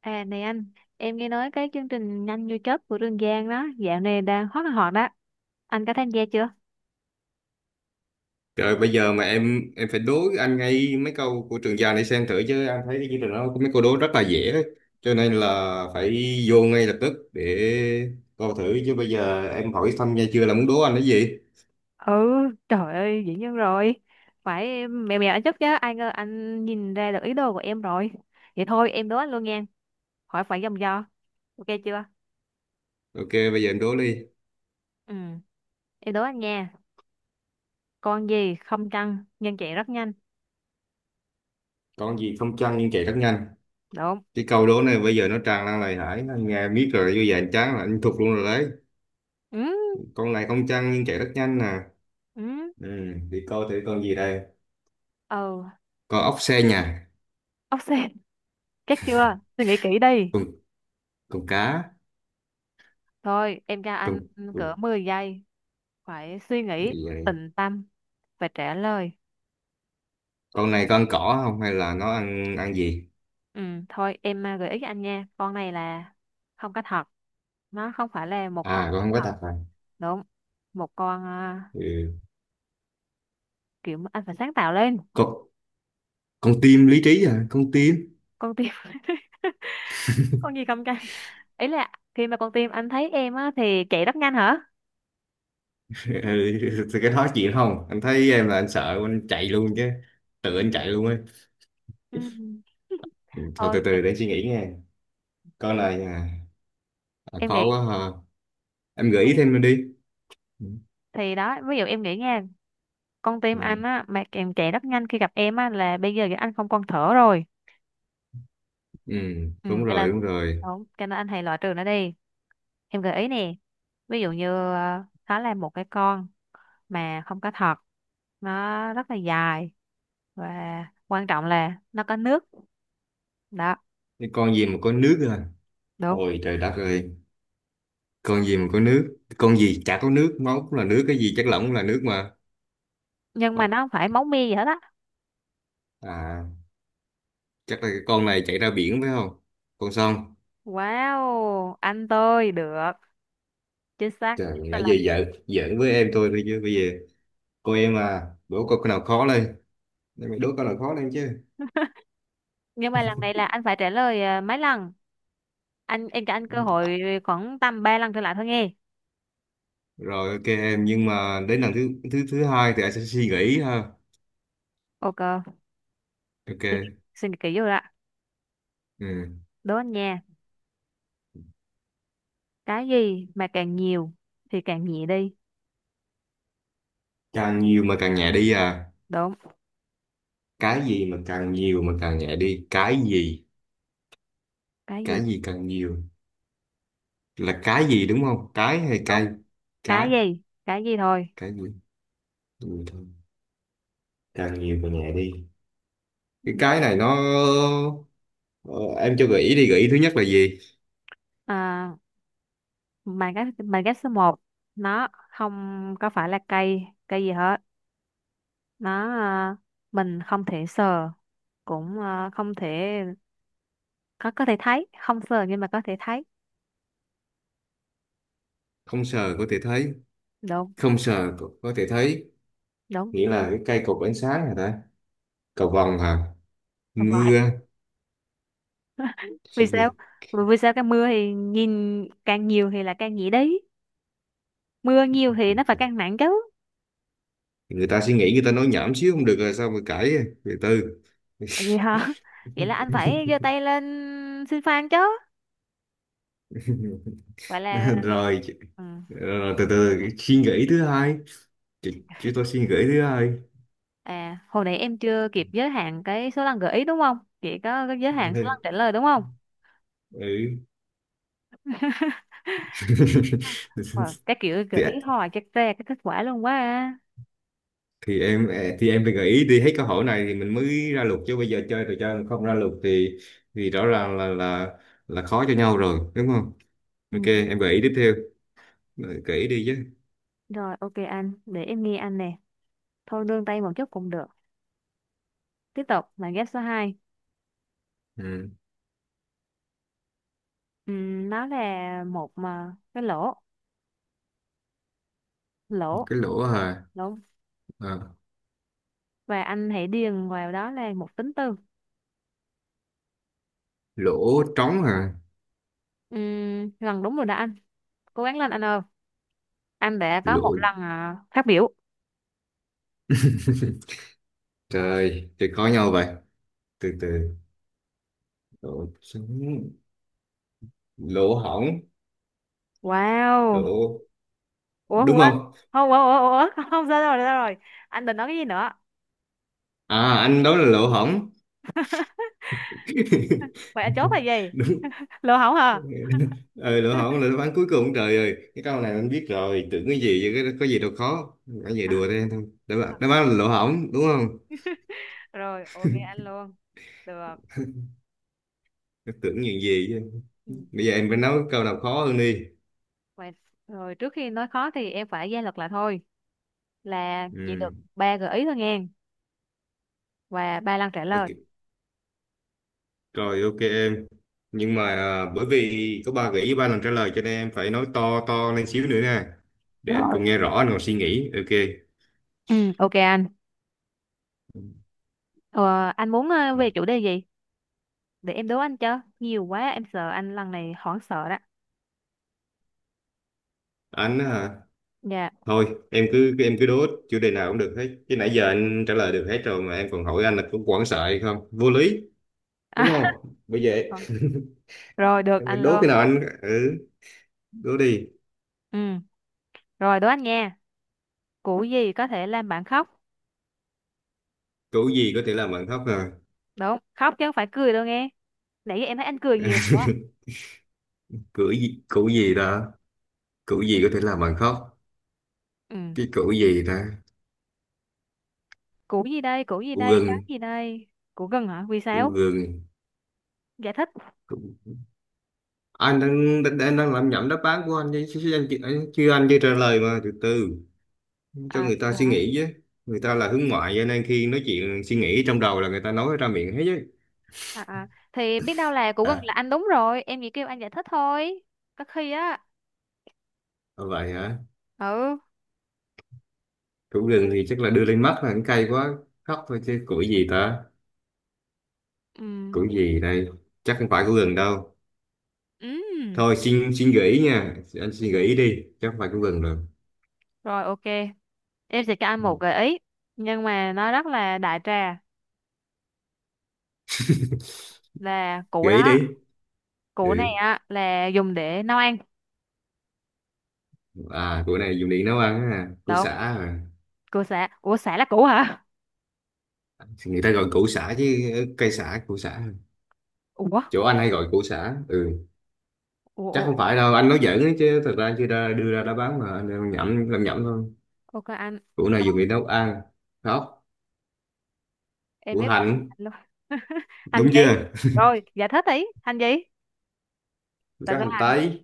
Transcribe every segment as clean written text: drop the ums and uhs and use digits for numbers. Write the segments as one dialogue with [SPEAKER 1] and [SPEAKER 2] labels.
[SPEAKER 1] À này anh, em nghe nói cái chương trình Nhanh như chớp của Trường Giang đó, dạo này đang hot là hot đó. Anh có tham gia chưa?
[SPEAKER 2] Trời bây giờ mà em phải đố anh ngay mấy câu của Trường Giang này xem thử chứ anh thấy cái chương trình đó có mấy câu đố rất là dễ đấy. Cho nên là phải vô ngay lập tức để coi thử chứ bây giờ em hỏi thăm nha chưa là muốn đố anh cái gì.
[SPEAKER 1] Ừ, trời ơi, dĩ nhiên rồi. Phải mèo mèo anh chắc chứ, ai ngờ anh nhìn ra được ý đồ của em rồi. Vậy thôi em đố anh luôn nha, hỏi phải vòng vo. Ok chưa?
[SPEAKER 2] Ok, bây giờ em đố đi.
[SPEAKER 1] Ừ, em đố anh nha. Con gì không chân nhưng chạy rất nhanh?
[SPEAKER 2] Con gì không chăn nhưng chạy rất nhanh.
[SPEAKER 1] Đúng.
[SPEAKER 2] Cái câu đố này bây giờ nó tràn lan lời hải anh nghe biết rồi, như vậy anh chán là anh thuộc luôn rồi đấy.
[SPEAKER 1] Ừ,
[SPEAKER 2] Con này không chăn nhưng chạy rất nhanh nè.
[SPEAKER 1] ừ,
[SPEAKER 2] Ừ, thì coi thử con gì đây.
[SPEAKER 1] ừ,
[SPEAKER 2] Con ốc xe nhà,
[SPEAKER 1] ốc sên. Chắc chưa? Suy nghĩ kỹ đi.
[SPEAKER 2] con con cá,
[SPEAKER 1] Thôi, em cho anh
[SPEAKER 2] con,
[SPEAKER 1] cỡ 10 giây. Phải suy nghĩ,
[SPEAKER 2] con
[SPEAKER 1] tịnh tâm và trả lời.
[SPEAKER 2] con này con cỏ không, hay là nó ăn ăn gì.
[SPEAKER 1] Ừ, thôi em à, gợi ý cho anh nha, con này là không có thật, nó không phải là một con
[SPEAKER 2] À, con
[SPEAKER 1] có
[SPEAKER 2] không có
[SPEAKER 1] thật.
[SPEAKER 2] tập à.
[SPEAKER 1] Đúng. Một con,
[SPEAKER 2] Ừ.
[SPEAKER 1] kiểu mà anh phải sáng tạo lên.
[SPEAKER 2] con con tim lý trí, à con tim.
[SPEAKER 1] Con tim. Con gì không cha, ý là khi mà con tim anh thấy em á thì chạy rất nhanh hả?
[SPEAKER 2] Ừ. Thì cái đó chuyện không, anh thấy em là anh sợ anh chạy luôn chứ, tự anh chạy luôn ấy.
[SPEAKER 1] Ừ.
[SPEAKER 2] Ừ, thôi từ
[SPEAKER 1] Thôi
[SPEAKER 2] từ để suy nghĩ nghe. Con này à, à,
[SPEAKER 1] em
[SPEAKER 2] khó
[SPEAKER 1] nghĩ
[SPEAKER 2] quá hả, em gợi ý thêm đi. Ừ.
[SPEAKER 1] thì đó, ví dụ em nghĩ nha, con tim
[SPEAKER 2] Ừ.
[SPEAKER 1] anh á mà em chạy rất nhanh khi gặp em á là bây giờ anh không còn thở rồi.
[SPEAKER 2] Ừ,
[SPEAKER 1] Ừ,
[SPEAKER 2] đúng
[SPEAKER 1] cái
[SPEAKER 2] rồi
[SPEAKER 1] nên.
[SPEAKER 2] đúng rồi.
[SPEAKER 1] Đúng, cái nên anh hãy loại trừ nó đi. Em gợi ý nè, ví dụ như nó là một cái con mà không có thật, nó rất là dài và quan trọng là nó có nước đó.
[SPEAKER 2] Cái con gì mà có nước à?
[SPEAKER 1] Đúng.
[SPEAKER 2] Ôi trời đất ơi, con gì mà có nước, con gì chả có nước, máu cũng là nước, cái gì chất lỏng cũng là nước mà.
[SPEAKER 1] Nhưng mà nó không phải máu me gì hết á.
[SPEAKER 2] À, chắc là cái con này chạy ra biển phải không, con sông.
[SPEAKER 1] Wow, anh tôi được. Chính xác.
[SPEAKER 2] Trời,
[SPEAKER 1] Tức
[SPEAKER 2] nãy giờ
[SPEAKER 1] là-
[SPEAKER 2] giỡn giỡn với em thôi thôi, chứ bây giờ cô em à, đố câu nào khó lên. Để mày đố câu nào khó lên chứ.
[SPEAKER 1] nhưng mà lần này là anh phải trả lời mấy lần. Anh, em cho anh cơ hội khoảng tầm 3 lần trở lại thôi nghe.
[SPEAKER 2] Rồi ok em, nhưng mà đến lần thứ thứ thứ hai thì anh sẽ suy nghĩ ha.
[SPEAKER 1] Ok.
[SPEAKER 2] Ok.
[SPEAKER 1] Suy nghĩ, suy nghĩ kỹ vô đã.
[SPEAKER 2] Ừ.
[SPEAKER 1] Đố anh nha, cái gì mà càng nhiều thì càng nhẹ đi?
[SPEAKER 2] Càng nhiều mà càng nhẹ đi à?
[SPEAKER 1] Đúng.
[SPEAKER 2] Cái gì mà càng nhiều mà càng nhẹ đi, cái gì?
[SPEAKER 1] Cái gì?
[SPEAKER 2] Cái gì càng nhiều là cái gì, đúng không, cái hay
[SPEAKER 1] Đúng.
[SPEAKER 2] cây? cái
[SPEAKER 1] Cái gì? Cái gì thôi.
[SPEAKER 2] cái gì Ừ, thôi. Càng nhiều càng nhẹ đi. cái
[SPEAKER 1] Ừ.
[SPEAKER 2] cái này nó. Ờ, em cho gợi ý đi, gợi ý thứ nhất là gì?
[SPEAKER 1] à, mà cái mà cái số 1, nó không có phải là cây cây gì hết. Nó, mình không thể sờ, cũng không thể, có thể thấy, không sờ nhưng mà có thể thấy.
[SPEAKER 2] Không sờ có thể thấy.
[SPEAKER 1] Đúng.
[SPEAKER 2] Không sờ, có thể thấy.
[SPEAKER 1] Đúng.
[SPEAKER 2] Nghĩa là cái cây cột ánh sáng hả ta, cầu vồng hả,
[SPEAKER 1] Không phải.
[SPEAKER 2] mưa?
[SPEAKER 1] Vì
[SPEAKER 2] Chỉ
[SPEAKER 1] sao?
[SPEAKER 2] vì
[SPEAKER 1] Vì vì sao cái mưa thì nhìn càng nhiều thì là càng nhẹ đi? Mưa nhiều thì nó phải càng nặng chứ.
[SPEAKER 2] người ta suy nghĩ, người ta nói nhảm xíu không được rồi sao mà cãi, từ từ.
[SPEAKER 1] Vậy hả? Vậy là anh phải giơ tay lên xin fan chứ. Vậy là
[SPEAKER 2] Rồi.
[SPEAKER 1] ừ.
[SPEAKER 2] Rồi, từ từ suy nghĩ thứ hai. Chúng tôi suy nghĩ thứ hai.
[SPEAKER 1] À, hồi nãy em chưa kịp giới hạn cái số lần gợi ý đúng không? Chị có cái giới hạn số lần trả lời đúng không?
[SPEAKER 2] Ừ.
[SPEAKER 1] Wow, cái kiểu
[SPEAKER 2] Từ,
[SPEAKER 1] gợi ý hoài chắc ra cái kết quả luôn quá à.
[SPEAKER 2] thì em à, thì em phải gợi ý đi hết câu hỏi này thì mình mới ra luật chứ, bây giờ chơi trò chơi mà không ra luật thì rõ ràng là khó cho nhau rồi đúng không. Ok
[SPEAKER 1] Ừ.
[SPEAKER 2] em gợi ý tiếp theo. Ờ, gợi ý đi chứ.
[SPEAKER 1] Rồi ok anh, để em nghe anh nè. Thôi nương tay một chút cũng được. Tiếp tục là ghép số 2.
[SPEAKER 2] Ừ.
[SPEAKER 1] Nó là một mà cái lỗ, lỗ,
[SPEAKER 2] Cái lỗ hả?
[SPEAKER 1] lỗ
[SPEAKER 2] À,
[SPEAKER 1] và anh hãy điền vào đó là một tính từ.
[SPEAKER 2] lỗ trống hả?
[SPEAKER 1] Lần đúng rồi đã anh, cố gắng lên anh ơi, anh đã có một
[SPEAKER 2] Lỗ.
[SPEAKER 1] lần phát biểu.
[SPEAKER 2] Trời, thì khó nhau vậy, từ từ. Lỗ trống, lỗ hổng,
[SPEAKER 1] Wow.
[SPEAKER 2] lỗ,
[SPEAKER 1] Ủa
[SPEAKER 2] đúng
[SPEAKER 1] quên.
[SPEAKER 2] không?
[SPEAKER 1] Không, ủa ủa ủa. Không sao, rồi sao rồi anh định nói cái gì nữa?
[SPEAKER 2] À anh đó là lỗ hổng.
[SPEAKER 1] Vậy anh chốt là gì?
[SPEAKER 2] Đúng.
[SPEAKER 1] Lô hổng hả?
[SPEAKER 2] Ừ, lỗ hổng là đáp án cuối cùng. Trời ơi, cái câu này anh biết rồi, tưởng cái gì chứ, cái có gì đâu khó. Anh về
[SPEAKER 1] À,
[SPEAKER 2] đùa đây thôi, đáp án là lỗ hổng đúng không.
[SPEAKER 1] rồi ok anh luôn. Được.
[SPEAKER 2] Cái tưởng những gì chứ.
[SPEAKER 1] Ừ.
[SPEAKER 2] Bây giờ em phải nói câu nào khó hơn đi.
[SPEAKER 1] Vậy rồi trước khi nói khó thì em phải ra luật lại thôi, là chỉ
[SPEAKER 2] Ừ.
[SPEAKER 1] được ba gợi ý thôi nghe, và ba lần trả lời.
[SPEAKER 2] Ok. Rồi ok em, nhưng mà à, bởi vì có ba gợi ý ba lần trả lời cho nên em phải nói to to lên xíu nữa nha, để anh
[SPEAKER 1] Rồi.
[SPEAKER 2] còn nghe rõ, anh còn suy nghĩ. Ok.
[SPEAKER 1] Ừ, ok anh. Ờ, anh muốn về chủ đề gì, để em đố anh cho nhiều quá em sợ anh lần này hoảng sợ đó.
[SPEAKER 2] Anh á hả?
[SPEAKER 1] Dạ.
[SPEAKER 2] Thôi, em cứ đố chủ đề nào cũng được hết. Chứ nãy giờ anh trả lời được hết rồi mà em còn hỏi anh là có quảng sợ hay không? Vô lý,
[SPEAKER 1] à,
[SPEAKER 2] đúng không? Bởi vậy,
[SPEAKER 1] Rồi được
[SPEAKER 2] em phải
[SPEAKER 1] anh
[SPEAKER 2] đố cái
[SPEAKER 1] luôn.
[SPEAKER 2] nào anh ừ, đố đi.
[SPEAKER 1] Ừ. Rồi đố anh nghe, củ gì có thể làm bạn khóc?
[SPEAKER 2] Củ gì có thể làm bạn khóc à?
[SPEAKER 1] Đúng, khóc chứ không phải cười đâu nghe, nãy giờ em thấy anh cười nhiều rồi đó.
[SPEAKER 2] Củ gì đó? Củ gì có thể làm bạn khóc?
[SPEAKER 1] Ừ.
[SPEAKER 2] Cái củ gì đó?
[SPEAKER 1] Củ gì đây? Củ gì
[SPEAKER 2] Củ
[SPEAKER 1] đây? Cái
[SPEAKER 2] gừng,
[SPEAKER 1] gì đây? Củ gừng hả? Vì
[SPEAKER 2] củ
[SPEAKER 1] sao?
[SPEAKER 2] gừng.
[SPEAKER 1] Giải thích.
[SPEAKER 2] Củ... Anh đang, đang đang đang làm nhẩm đáp án của anh chứ chứ- chứ anh, chị- anh chưa trả lời mà, từ từ cho
[SPEAKER 1] À,
[SPEAKER 2] người ta suy
[SPEAKER 1] hả?
[SPEAKER 2] nghĩ chứ. Người ta là hướng ngoại cho nên khi nói chuyện suy nghĩ trong đầu là người ta nói ra miệng hết chứ.
[SPEAKER 1] Thì biết đâu là củ gừng
[SPEAKER 2] À,
[SPEAKER 1] là anh đúng rồi, em chỉ kêu anh giải thích thôi có khi á.
[SPEAKER 2] à, vậy hả?
[SPEAKER 1] Ừ.
[SPEAKER 2] Củ gừng thì chắc là đưa lên mắt là cũng cay quá. Khóc thôi chứ củi gì ta?
[SPEAKER 1] Ừ.
[SPEAKER 2] Củi gì đây? Chắc không phải củ gừng đâu.
[SPEAKER 1] Ừ.
[SPEAKER 2] Thôi xin xin gợi ý nha. Anh xin gợi ý đi. Chắc không phải củ gừng rồi.
[SPEAKER 1] Rồi ok, em sẽ cho anh
[SPEAKER 2] Ừ.
[SPEAKER 1] một gợi ý nhưng mà nó rất là đại trà, là củ
[SPEAKER 2] Gợi ý
[SPEAKER 1] đó.
[SPEAKER 2] đi. Ừ.
[SPEAKER 1] Củ này á là dùng để nấu ăn.
[SPEAKER 2] À, củ này dùng để nấu ăn á. Củ
[SPEAKER 1] Được
[SPEAKER 2] sả
[SPEAKER 1] không?
[SPEAKER 2] à.
[SPEAKER 1] Củ sả? Ủa, sả là củ hả?
[SPEAKER 2] Người ta gọi củ sả chứ, ờ, cây sả, củ sả.
[SPEAKER 1] Ủa.
[SPEAKER 2] Chỗ anh hay gọi củ sả. Ừ.
[SPEAKER 1] Ủa.
[SPEAKER 2] Chắc
[SPEAKER 1] Ủa.
[SPEAKER 2] không phải đâu. Anh nói giỡn ấy chứ. Thật ra chưa ra đưa ra đã bán mà. Anh đang làm nhẩm thôi.
[SPEAKER 1] Ok anh.
[SPEAKER 2] Củ này dùng để
[SPEAKER 1] Rồi,
[SPEAKER 2] nấu ăn. Khóc.
[SPEAKER 1] em
[SPEAKER 2] Củ
[SPEAKER 1] biết rồi.
[SPEAKER 2] hành.
[SPEAKER 1] Hành luôn. Hành
[SPEAKER 2] Đúng
[SPEAKER 1] gì?
[SPEAKER 2] chưa?
[SPEAKER 1] Rồi giải thích đi, hành gì, tại
[SPEAKER 2] Có
[SPEAKER 1] sao
[SPEAKER 2] hành
[SPEAKER 1] hành?
[SPEAKER 2] tây.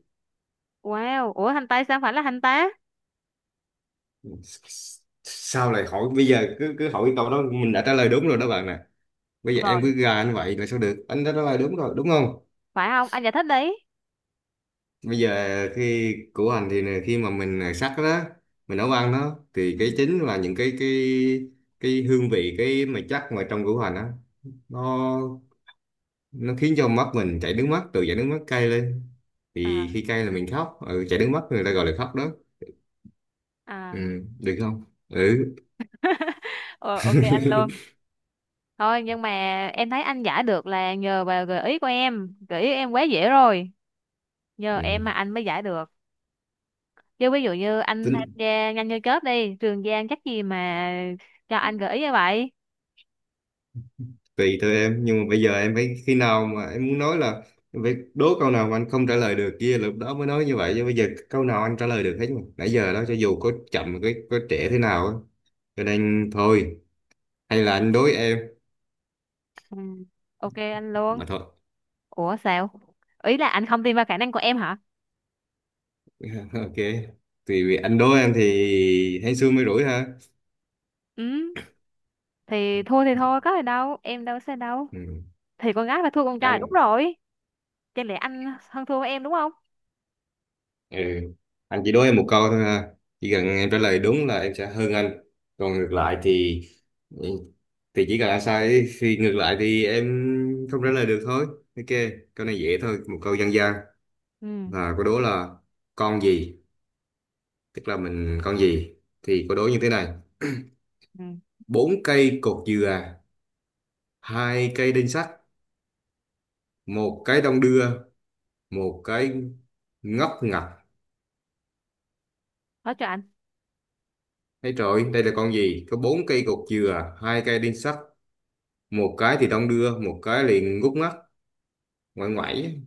[SPEAKER 1] Wow, ủa, hành tây sao phải là hành tá?
[SPEAKER 2] Sao lại hỏi, bây giờ cứ cứ hỏi câu đó mình đã trả lời đúng rồi đó bạn nè. Bây giờ em cứ
[SPEAKER 1] Rồi,
[SPEAKER 2] gà như vậy là sao được, anh đã trả lời đúng rồi đúng không.
[SPEAKER 1] phải không? Anh giải thích đi.
[SPEAKER 2] Bây giờ khi của anh thì nè, khi mà mình sắc đó, mình nấu ăn đó thì cái
[SPEAKER 1] Ừ.
[SPEAKER 2] chính là những cái cái hương vị, cái mà chắc mà trong củ hành á, nó nó khiến cho mắt mình chảy nước mắt, từ chảy nước mắt cay lên thì
[SPEAKER 1] à
[SPEAKER 2] khi cay là mình khóc, ừ, chảy nước mắt người ta gọi là khóc đó. Ừ,
[SPEAKER 1] à
[SPEAKER 2] được không? Ừ,
[SPEAKER 1] Ờ, ok anh luôn. Thôi nhưng mà em thấy anh giải được là nhờ vào gợi ý của em, gợi ý em quá dễ rồi, nhờ
[SPEAKER 2] ừ.
[SPEAKER 1] em mà anh mới giải được. Chứ ví dụ như anh tham
[SPEAKER 2] Tính
[SPEAKER 1] gia Nhanh như chớp đi, Trường Giang chắc gì mà cho anh gợi ý như vậy.
[SPEAKER 2] tùy thôi em, nhưng mà bây giờ em phải khi nào mà em muốn nói là em phải đố câu nào mà anh không trả lời được kia, lúc đó mới nói như vậy chứ bây giờ câu nào anh trả lời được hết mà, nãy giờ đó cho dù có chậm, có trễ thế nào á, cho nên thôi hay là anh đối em
[SPEAKER 1] Ừ. Ok anh
[SPEAKER 2] mà
[SPEAKER 1] luôn.
[SPEAKER 2] thôi.
[SPEAKER 1] Ủa sao? Ý là anh không tin vào khả năng của em hả?
[SPEAKER 2] Ok. Thì vì anh đối em thì hên xui mới rủi ha.
[SPEAKER 1] Ừ, thì thua thì thôi, có gì đâu, em đâu sẽ đâu.
[SPEAKER 2] Ừ.
[SPEAKER 1] Thì con gái phải thua con trai đúng
[SPEAKER 2] Anh.
[SPEAKER 1] rồi, chẳng lẽ anh hơn thua với em đúng không?
[SPEAKER 2] Ừ. Anh chỉ đố em một câu thôi ha. Chỉ cần em trả lời đúng là em sẽ hơn anh. Còn ngược lại thì ừ, thì chỉ cần anh sai thì ngược lại thì em không trả lời được thôi. Ok, câu này dễ thôi, một câu dân gian.
[SPEAKER 1] Ừ.
[SPEAKER 2] Và câu đố là con gì, tức là mình con gì. Thì câu đố như thế này.
[SPEAKER 1] Ừ.
[SPEAKER 2] Bốn cây cột dừa, hai cây đinh sắt, một cái đong đưa, một cái ngóc ngặt.
[SPEAKER 1] Nói cho anh.
[SPEAKER 2] Thấy rồi, đây là con gì? Có bốn cây cột dừa, hai cây đinh sắt, một cái thì đong đưa, một cái liền ngút ngắt, ngoải ngoải,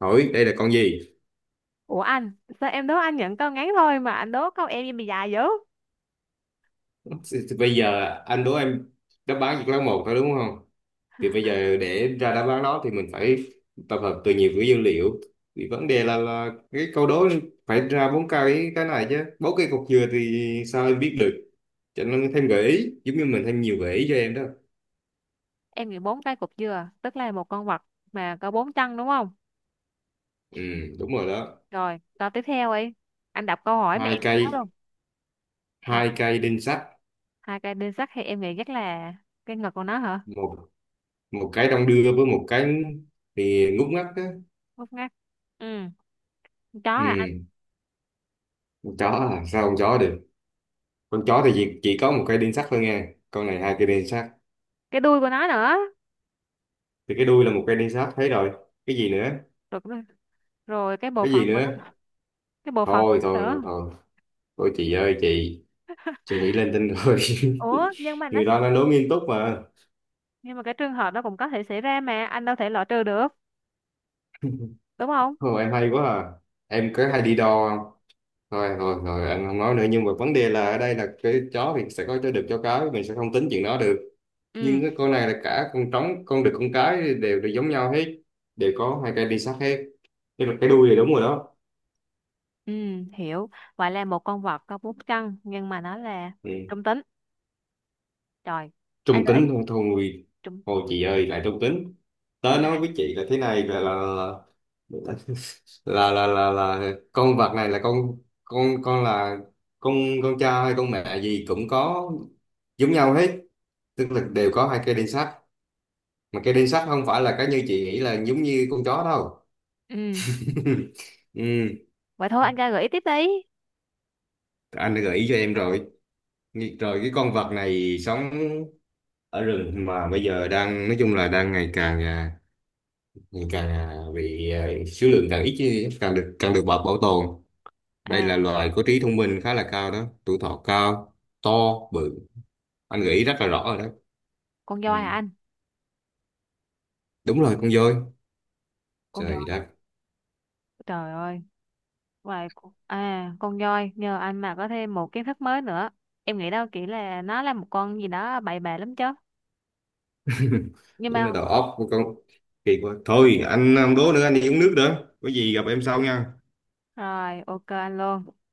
[SPEAKER 2] hỏi đây là con gì?
[SPEAKER 1] Ủa anh, sao em đố anh nhận câu ngắn thôi mà anh đố câu em bị dài dữ?
[SPEAKER 2] Bây giờ anh đố em, đáp án chỉ có lấy một thôi đúng không, thì bây giờ để ra đáp án đó thì mình phải tập hợp từ nhiều cái dữ liệu, thì vấn đề là cái câu đố phải ra bốn cái này chứ, bốn cái cục dừa thì sao em biết được, cho nên thêm gợi ý giống như mình thêm nhiều gợi ý cho em đó.
[SPEAKER 1] Em nghĩ bốn cái cục dừa tức là một con vật mà có bốn chân đúng không?
[SPEAKER 2] Ừ, đúng rồi đó.
[SPEAKER 1] Rồi, câu tiếp theo ấy. Anh đọc câu hỏi mà
[SPEAKER 2] Hai
[SPEAKER 1] em nhớ luôn.
[SPEAKER 2] cây,
[SPEAKER 1] Hai,
[SPEAKER 2] hai cây đinh sắt.
[SPEAKER 1] hai cây đinh sắt thì em nghĩ chắc là cái ngực của nó hả?
[SPEAKER 2] Một, một cái đong đưa với một cái thì ngút ngắt á.
[SPEAKER 1] Ngốc ngác. Ừ, con chó hả anh?
[SPEAKER 2] Ừ, con chó à sao con chó được, con chó thì chỉ có một cây đinh sắt thôi nha, con này hai cây đinh sắt.
[SPEAKER 1] Cái đuôi của nó nữa.
[SPEAKER 2] Thì cái đuôi là một cây đinh sắt thấy rồi, cái gì nữa?
[SPEAKER 1] Rồi, rồi rồi cái bộ
[SPEAKER 2] Cái
[SPEAKER 1] phận
[SPEAKER 2] gì
[SPEAKER 1] của
[SPEAKER 2] nữa?
[SPEAKER 1] nó. Cái bộ phận của
[SPEAKER 2] Thôi
[SPEAKER 1] nó
[SPEAKER 2] thôi thôi
[SPEAKER 1] nữa.
[SPEAKER 2] thôi, thôi chị ơi chị nghĩ lên tinh rồi.
[SPEAKER 1] Ủa, nhưng mà nó
[SPEAKER 2] Người
[SPEAKER 1] sẽ
[SPEAKER 2] ta đang đố nghiêm túc mà.
[SPEAKER 1] nhưng mà cái trường hợp đó cũng có thể xảy ra mà anh đâu thể loại trừ được, đúng không?
[SPEAKER 2] Thôi em hay quá à, em có hay đi đo không. Thôi thôi thôi, em không nói nữa, nhưng mà vấn đề là ở đây là cái chó thì sẽ có chó được chó cái, mình sẽ không tính chuyện đó được,
[SPEAKER 1] Ừ.
[SPEAKER 2] nhưng cái con này là cả con trống con đực con cái đều đều giống nhau hết, đều có hai cây đi sát hết, tức là cái đuôi này đúng rồi đó.
[SPEAKER 1] Ừ, hiểu. Vậy là một con vật có bốn chân nhưng mà nó là
[SPEAKER 2] Ừ.
[SPEAKER 1] trung tính. Trời, anh
[SPEAKER 2] Trung
[SPEAKER 1] gợi
[SPEAKER 2] tính, thôi thôi
[SPEAKER 1] trung.
[SPEAKER 2] thôi chị ơi lại trung tính. Tớ nói với chị là thế này là là là, là con vật này là con con là con con cha hay con mẹ gì cũng có, giống nhau hết, tức là đều có hai cây đinh sắt, mà cây đinh sắt không phải là cái như chị nghĩ là giống như con chó đâu.
[SPEAKER 1] Ừ,
[SPEAKER 2] Ừ.
[SPEAKER 1] vậy thôi anh ra gợi ý tiếp đi.
[SPEAKER 2] Anh đã gợi ý cho em rồi. Rồi cái con vật này sống ở rừng, mà bây giờ đang nói chung là đang ngày càng à, bị à, số lượng càng ít chứ, càng được bảo bảo tồn. Đây là
[SPEAKER 1] À,
[SPEAKER 2] loài có trí thông minh khá là cao đó, tuổi thọ cao, to, bự, anh nghĩ rất là rõ rồi đó.
[SPEAKER 1] con
[SPEAKER 2] Ừ.
[SPEAKER 1] voi hả anh?
[SPEAKER 2] Đúng rồi, con voi.
[SPEAKER 1] Con
[SPEAKER 2] Trời
[SPEAKER 1] voi.
[SPEAKER 2] đất.
[SPEAKER 1] Trời ơi, vậy con voi nhờ anh mà có thêm một kiến thức mới nữa. Em nghĩ đâu chỉ là nó là một con gì đó bậy bạ lắm chứ. Nhưng
[SPEAKER 2] Đúng là
[SPEAKER 1] mà
[SPEAKER 2] đầu óc của con kỳ quá, thôi anh không đố nữa, anh đi uống nước nữa, có gì gặp em sau nha.
[SPEAKER 1] rồi, ok anh luôn.